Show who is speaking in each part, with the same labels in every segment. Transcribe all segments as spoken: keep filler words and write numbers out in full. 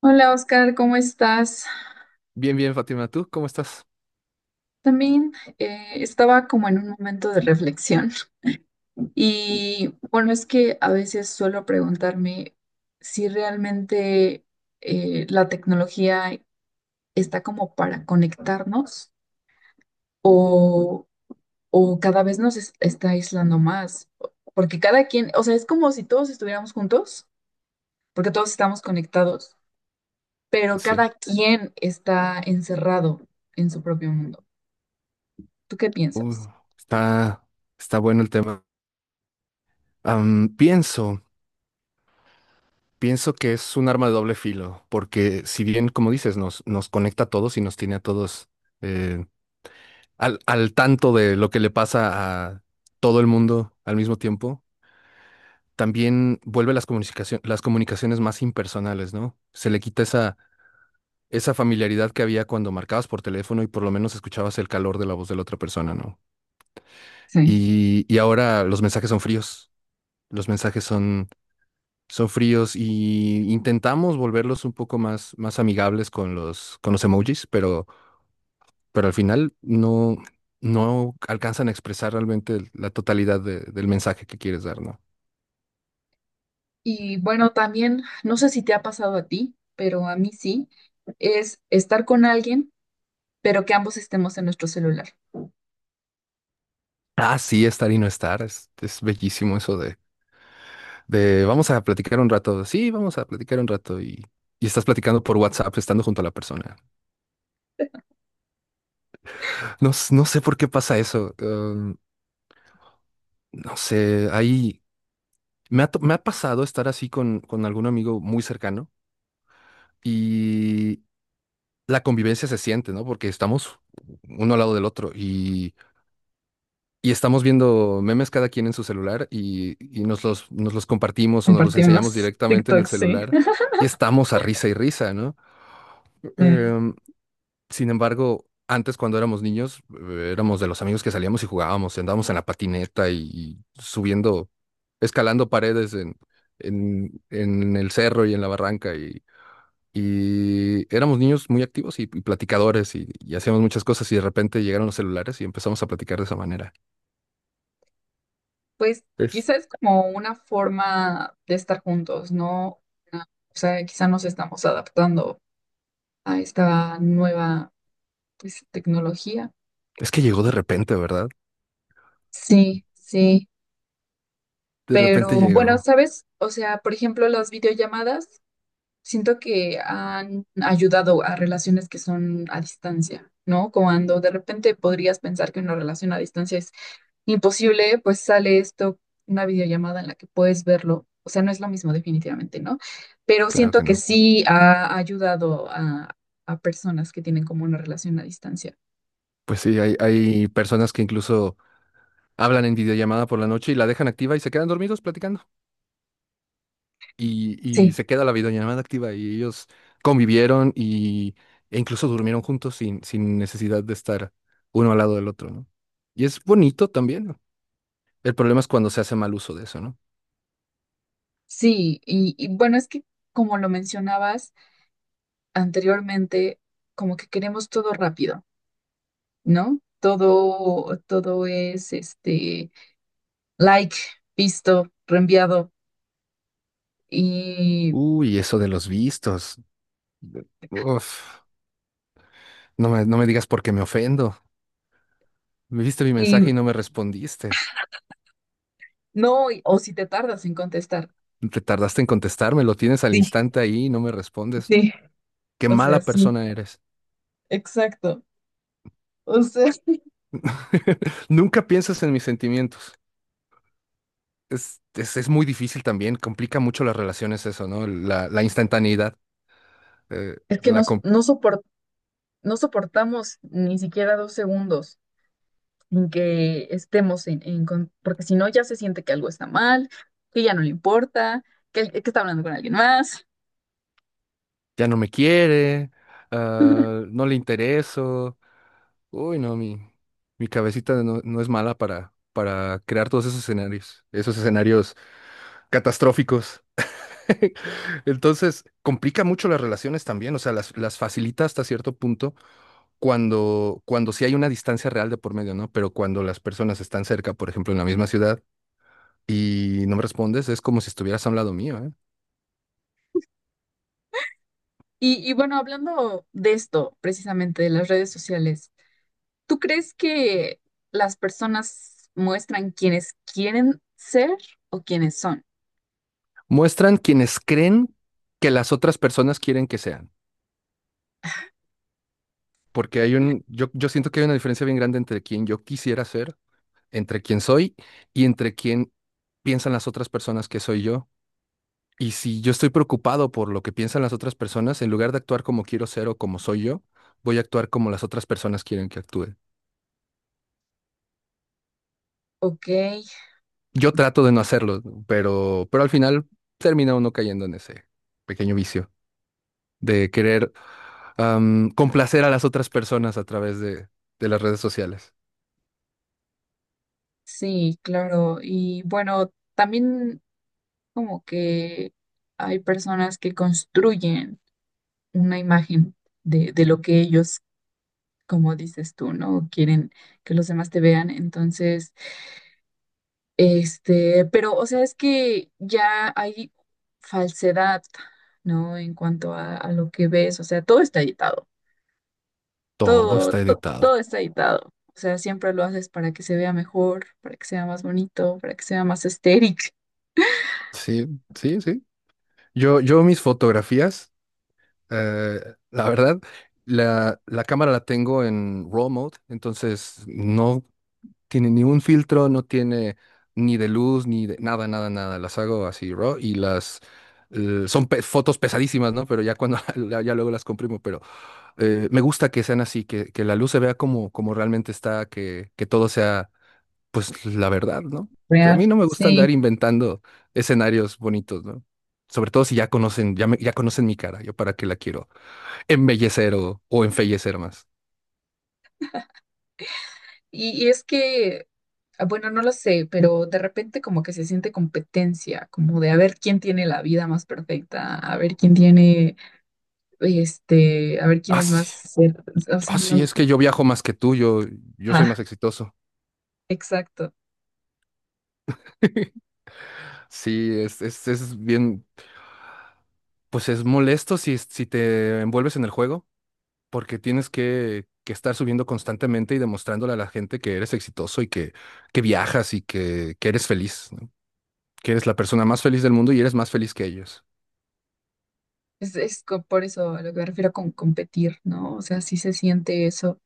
Speaker 1: Hola Oscar, ¿cómo estás?
Speaker 2: Bien, bien, Fátima, ¿tú cómo estás?
Speaker 1: También eh, estaba como en un momento de reflexión y bueno, es que a veces suelo preguntarme si realmente eh, la tecnología está como para conectarnos o, o cada vez nos es- está aislando más, porque cada quien, o sea, es como si todos estuviéramos juntos, porque todos estamos conectados, pero
Speaker 2: Sí.
Speaker 1: cada quien está encerrado en su propio mundo. ¿Tú qué
Speaker 2: Uh,
Speaker 1: piensas?
Speaker 2: está, está bueno el tema. Am, pienso, pienso que es un arma de doble filo, porque si bien, como dices, nos, nos conecta a todos y nos tiene a todos eh, al, al tanto de lo que le pasa a todo el mundo al mismo tiempo. También vuelve las comunicaciones, las comunicaciones más impersonales, ¿no? Se le quita esa, esa familiaridad que había cuando marcabas por teléfono y por lo menos escuchabas el calor de la voz de la otra persona, ¿no?
Speaker 1: Sí.
Speaker 2: Y, y ahora los mensajes son fríos, los mensajes son, son fríos, y intentamos volverlos un poco más, más amigables con los, con los emojis, pero, pero al final no, no alcanzan a expresar realmente el- la totalidad de- del mensaje que quieres dar, ¿no?
Speaker 1: Y bueno, también, no sé si te ha pasado a ti, pero a mí sí, es estar con alguien, pero que ambos estemos en nuestro celular.
Speaker 2: Ah, sí, estar y no estar, es, es bellísimo eso de, de vamos a platicar un rato, sí, vamos a platicar un rato y, y estás platicando por WhatsApp estando junto a la persona. No, s- no sé por qué pasa eso. eh, no sé, hay, Me ha, to- me ha pasado estar así con, con algún amigo muy cercano, y la convivencia se siente, ¿no? Porque estamos uno al lado del otro y, y estamos viendo memes cada quien en su celular y, y nos los, nos los compartimos o nos los enseñamos
Speaker 1: Compartimos
Speaker 2: directamente en el
Speaker 1: TikTok, sí.
Speaker 2: celular y estamos a risa y risa, ¿no?
Speaker 1: Eh,
Speaker 2: Em, sin embargo, antes cuando éramos niños, eh, éramos de los amigos que salíamos y jugábamos, y andábamos en la patineta y, y subiendo, escalando paredes en, en, en el cerro y en la barranca, y Y éramos niños muy activos y, y platicadores y, y hacíamos muchas cosas, y de repente llegaron los celulares y empezamos a platicar de esa manera.
Speaker 1: pues
Speaker 2: Es,
Speaker 1: quizás es como una forma de estar juntos, ¿no? Una- O sea, quizá nos estamos adaptando a esta nueva, pues, tecnología.
Speaker 2: es que llegó de repente, ¿verdad?
Speaker 1: Sí, sí.
Speaker 2: De repente
Speaker 1: Pero bueno,
Speaker 2: llegó.
Speaker 1: ¿sabes? O sea, por ejemplo, las videollamadas. Siento que han ayudado a relaciones que son a distancia, ¿no? Cuando de repente podrías pensar que una relación a distancia es imposible, pues sale esto, una videollamada en la que puedes verlo. O sea, no es lo mismo definitivamente, ¿no? Pero
Speaker 2: Claro
Speaker 1: siento
Speaker 2: que
Speaker 1: que
Speaker 2: no.
Speaker 1: sí ha ayudado a, a personas que tienen como una relación a distancia.
Speaker 2: Pues sí, hay, hay personas que incluso hablan en videollamada por la noche y la dejan activa y se quedan dormidos platicando. Y, y
Speaker 1: Sí,
Speaker 2: se queda la videollamada activa y ellos convivieron y, e incluso durmieron juntos sin, sin necesidad de estar uno al lado del otro, ¿no? Y es bonito también. El problema es cuando se hace mal uso de eso, ¿no?
Speaker 1: sí. Y, y bueno, es que como lo mencionabas anteriormente, como que queremos todo rápido. ¿No? Todo, todo es este like, visto, reenviado y,
Speaker 2: Uy, eso de los vistos. Uf, no me, no me digas porque me ofendo. Me viste mi
Speaker 1: y
Speaker 2: mensaje y no me respondiste.
Speaker 1: no, y- o si te tardas en contestar.
Speaker 2: Te tardaste en contestarme, lo tienes al
Speaker 1: Sí,
Speaker 2: instante ahí y no me respondes.
Speaker 1: sí,
Speaker 2: Qué
Speaker 1: o sea,
Speaker 2: mala
Speaker 1: sí,
Speaker 2: persona eres.
Speaker 1: exacto. O sea,
Speaker 2: Nunca piensas en mis sentimientos. Es, es, es muy difícil también, complica mucho las relaciones eso, ¿no? La, la instantaneidad. eh,
Speaker 1: es que
Speaker 2: la
Speaker 1: nos,
Speaker 2: com-
Speaker 1: no sopor- no soportamos ni siquiera dos segundos sin que estemos en, en con- porque si no ya se siente que algo está mal, que ya no le importa, que, el- que está hablando con alguien más.
Speaker 2: ya no me quiere, ah, no le intereso. Uy, no, mi, mi cabecita no, no es mala para, para crear todos esos escenarios, esos escenarios catastróficos. Entonces, complica mucho las relaciones también. O sea, las, las facilita hasta cierto punto cuando, cuando sí hay una distancia real de por medio, ¿no? Pero cuando las personas están cerca, por ejemplo, en la misma ciudad, y no me respondes, es como si estuvieras a un lado mío, ¿eh?
Speaker 1: Y, y bueno, hablando de esto, precisamente de las redes sociales. ¿Tú crees que las personas muestran quienes quieren ser o quienes son?
Speaker 2: Muestran quienes creen que las otras personas quieren que sean. Porque hay un, yo, yo siento que hay una diferencia bien grande entre quien yo quisiera ser, entre quién soy y entre quién piensan las otras personas que soy yo. Y si yo estoy preocupado por lo que piensan las otras personas, en lugar de actuar como quiero ser o como soy yo, voy a actuar como las otras personas quieren que actúe.
Speaker 1: Ok,
Speaker 2: Yo trato de no hacerlo, pero, pero al final termina uno cayendo en ese pequeño vicio de querer am, complacer a las otras personas a través de, de las redes sociales.
Speaker 1: sí, claro. Y bueno, también como que hay personas que construyen una imagen de, de lo que ellos, como dices tú, ¿no? Quieren que los demás te vean. Entonces, este, pero, o sea, es que ya hay falsedad, ¿no? En cuanto a, a lo que ves, o sea, todo está editado.
Speaker 2: Todo
Speaker 1: Todo,
Speaker 2: está
Speaker 1: to-
Speaker 2: editado.
Speaker 1: todo está editado. O sea, siempre lo haces para que se vea mejor, para que sea más bonito, para que sea más estético.
Speaker 2: Sí, sí, sí. Yo, yo mis fotografías Eh, la verdad, la, la cámara la tengo en R A W mode, entonces no tiene ni un filtro, no tiene ni de luz, ni de nada, nada, nada. Las hago así R A W, y las eh, son pe- fotos pesadísimas, ¿no? Pero ya cuando la- ya luego las comprimo. Pero eh, me gusta que sean así, que, que la luz se vea como, como realmente está, que, que todo sea pues la verdad, ¿no? A
Speaker 1: Real,
Speaker 2: mí no me gusta andar
Speaker 1: sí.
Speaker 2: inventando escenarios bonitos, ¿no? Sobre todo si ya conocen, ya me- ya conocen mi cara, yo para qué la quiero embellecer o, o enfallecer más.
Speaker 1: Y, y es que, ah, bueno, no lo sé, pero de repente como que se siente competencia, como de a ver quién tiene la vida más perfecta, a ver quién tiene, este, a ver quién
Speaker 2: Ah,
Speaker 1: es
Speaker 2: sí,
Speaker 1: más, cer- o
Speaker 2: ah,
Speaker 1: sea,
Speaker 2: sí,
Speaker 1: no,
Speaker 2: es que yo viajo más que tú, yo, yo soy
Speaker 1: ah,
Speaker 2: más exitoso.
Speaker 1: exacto.
Speaker 2: Sí, es, es, es bien, pues es molesto si, si te envuelves en el juego, porque tienes que, que estar subiendo constantemente y demostrándole a la gente que eres exitoso y que, que viajas y que, que eres feliz, ¿no? Que eres la persona más feliz del mundo y eres más feliz que ellos.
Speaker 1: Es, es co- por eso a lo que me refiero con competir, ¿no? O sea, sí se siente eso.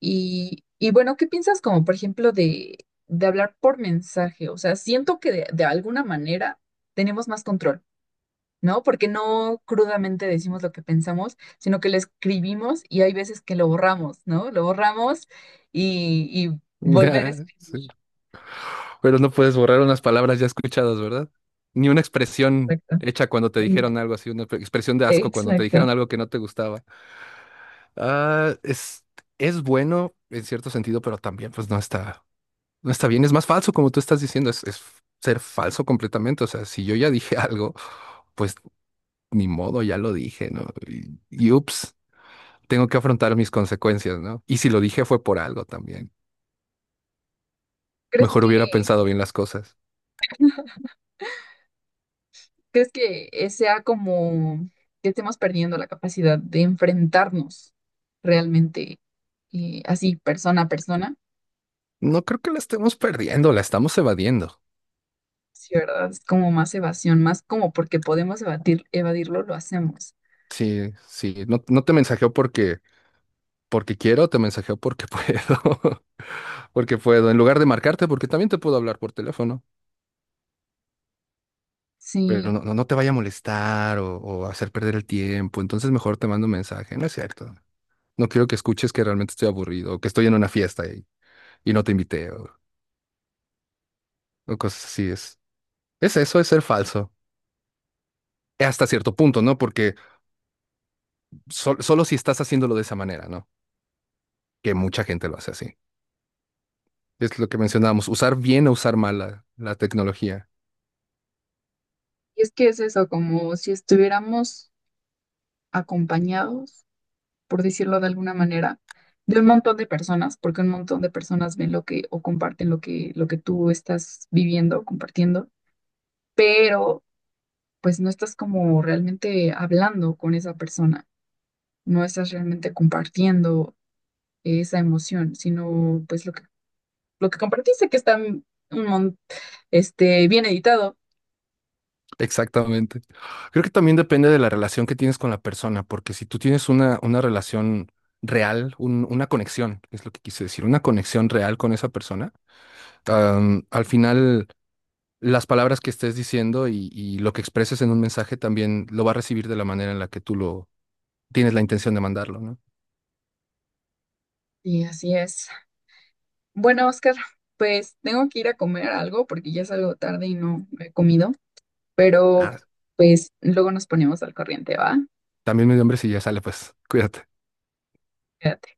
Speaker 1: Y, y bueno, ¿qué piensas como, por ejemplo, de, de hablar por mensaje? O sea, siento que de, de alguna manera tenemos más control, ¿no? Porque no crudamente decimos lo que pensamos, sino que lo escribimos y hay veces que lo borramos, ¿no? Lo borramos y, y volver a
Speaker 2: Sí.
Speaker 1: escribir.
Speaker 2: Pero no puedes borrar unas palabras ya escuchadas, ¿verdad? Ni una expresión
Speaker 1: Exacto.
Speaker 2: hecha cuando te
Speaker 1: Mm.
Speaker 2: dijeron algo así, una expresión de asco cuando te dijeron
Speaker 1: Exacto.
Speaker 2: algo que no te gustaba. Ah, es, es bueno en cierto sentido, pero también pues no está, no está bien. Es más falso, como tú estás diciendo, es, es ser falso completamente. O sea, si yo ya dije algo, pues ni modo, ya lo dije, ¿no? Y, y ups, tengo que afrontar mis consecuencias, ¿no? Y si lo dije fue por algo también.
Speaker 1: ¿Crees
Speaker 2: Mejor
Speaker 1: que,
Speaker 2: hubiera pensado bien las cosas.
Speaker 1: ¿crees que eh, sea como que estemos perdiendo la capacidad de enfrentarnos realmente, eh, así, persona a persona?
Speaker 2: No creo que la estemos perdiendo, la estamos evadiendo.
Speaker 1: Sí, ¿verdad? Es como más evasión, más como porque podemos evadir, evadirlo, lo hacemos.
Speaker 2: Sí, sí, no, no te mensajeo porque, porque quiero, te mensajeo porque puedo, porque puedo, en lugar de marcarte, porque también te puedo hablar por teléfono, pero
Speaker 1: Sí,
Speaker 2: no, no, no te vaya a molestar o, o hacer perder el tiempo, entonces mejor te mando un mensaje, no es cierto. No quiero que escuches que realmente estoy aburrido o que estoy en una fiesta y, y no te invité o, o cosas así. Es, es eso, es ser falso. Hasta cierto punto, ¿no? Porque sol- solo si estás haciéndolo de esa manera, ¿no? Que mucha gente lo hace así. Es lo que mencionábamos, usar bien o usar mal la la tecnología.
Speaker 1: y es que es eso, como si estuviéramos acompañados, por decirlo de alguna manera, de un montón de personas, porque un montón de personas ven lo que o comparten lo que, lo que tú estás viviendo, compartiendo, pero pues no estás como realmente hablando con esa persona, no estás realmente compartiendo esa emoción, sino pues lo que lo que compartiste, que está un mon- este, bien editado.
Speaker 2: Exactamente. Creo que también depende de la relación que tienes con la persona, porque si tú tienes una, una relación real, un- una conexión, es lo que quise decir, una conexión real con esa persona, am, al final las palabras que estés diciendo y, y lo que expreses en un mensaje también lo va a recibir de la manera en la que tú lo tienes la intención de mandarlo, ¿no?
Speaker 1: Y así es. Bueno, Oscar, pues tengo que ir a comer algo porque ya es algo tarde y no he comido, pero
Speaker 2: Ah,
Speaker 1: pues luego nos ponemos al corriente, ¿va?
Speaker 2: también me dio hambre. Si ya sale, pues cuídate.
Speaker 1: Cuídate.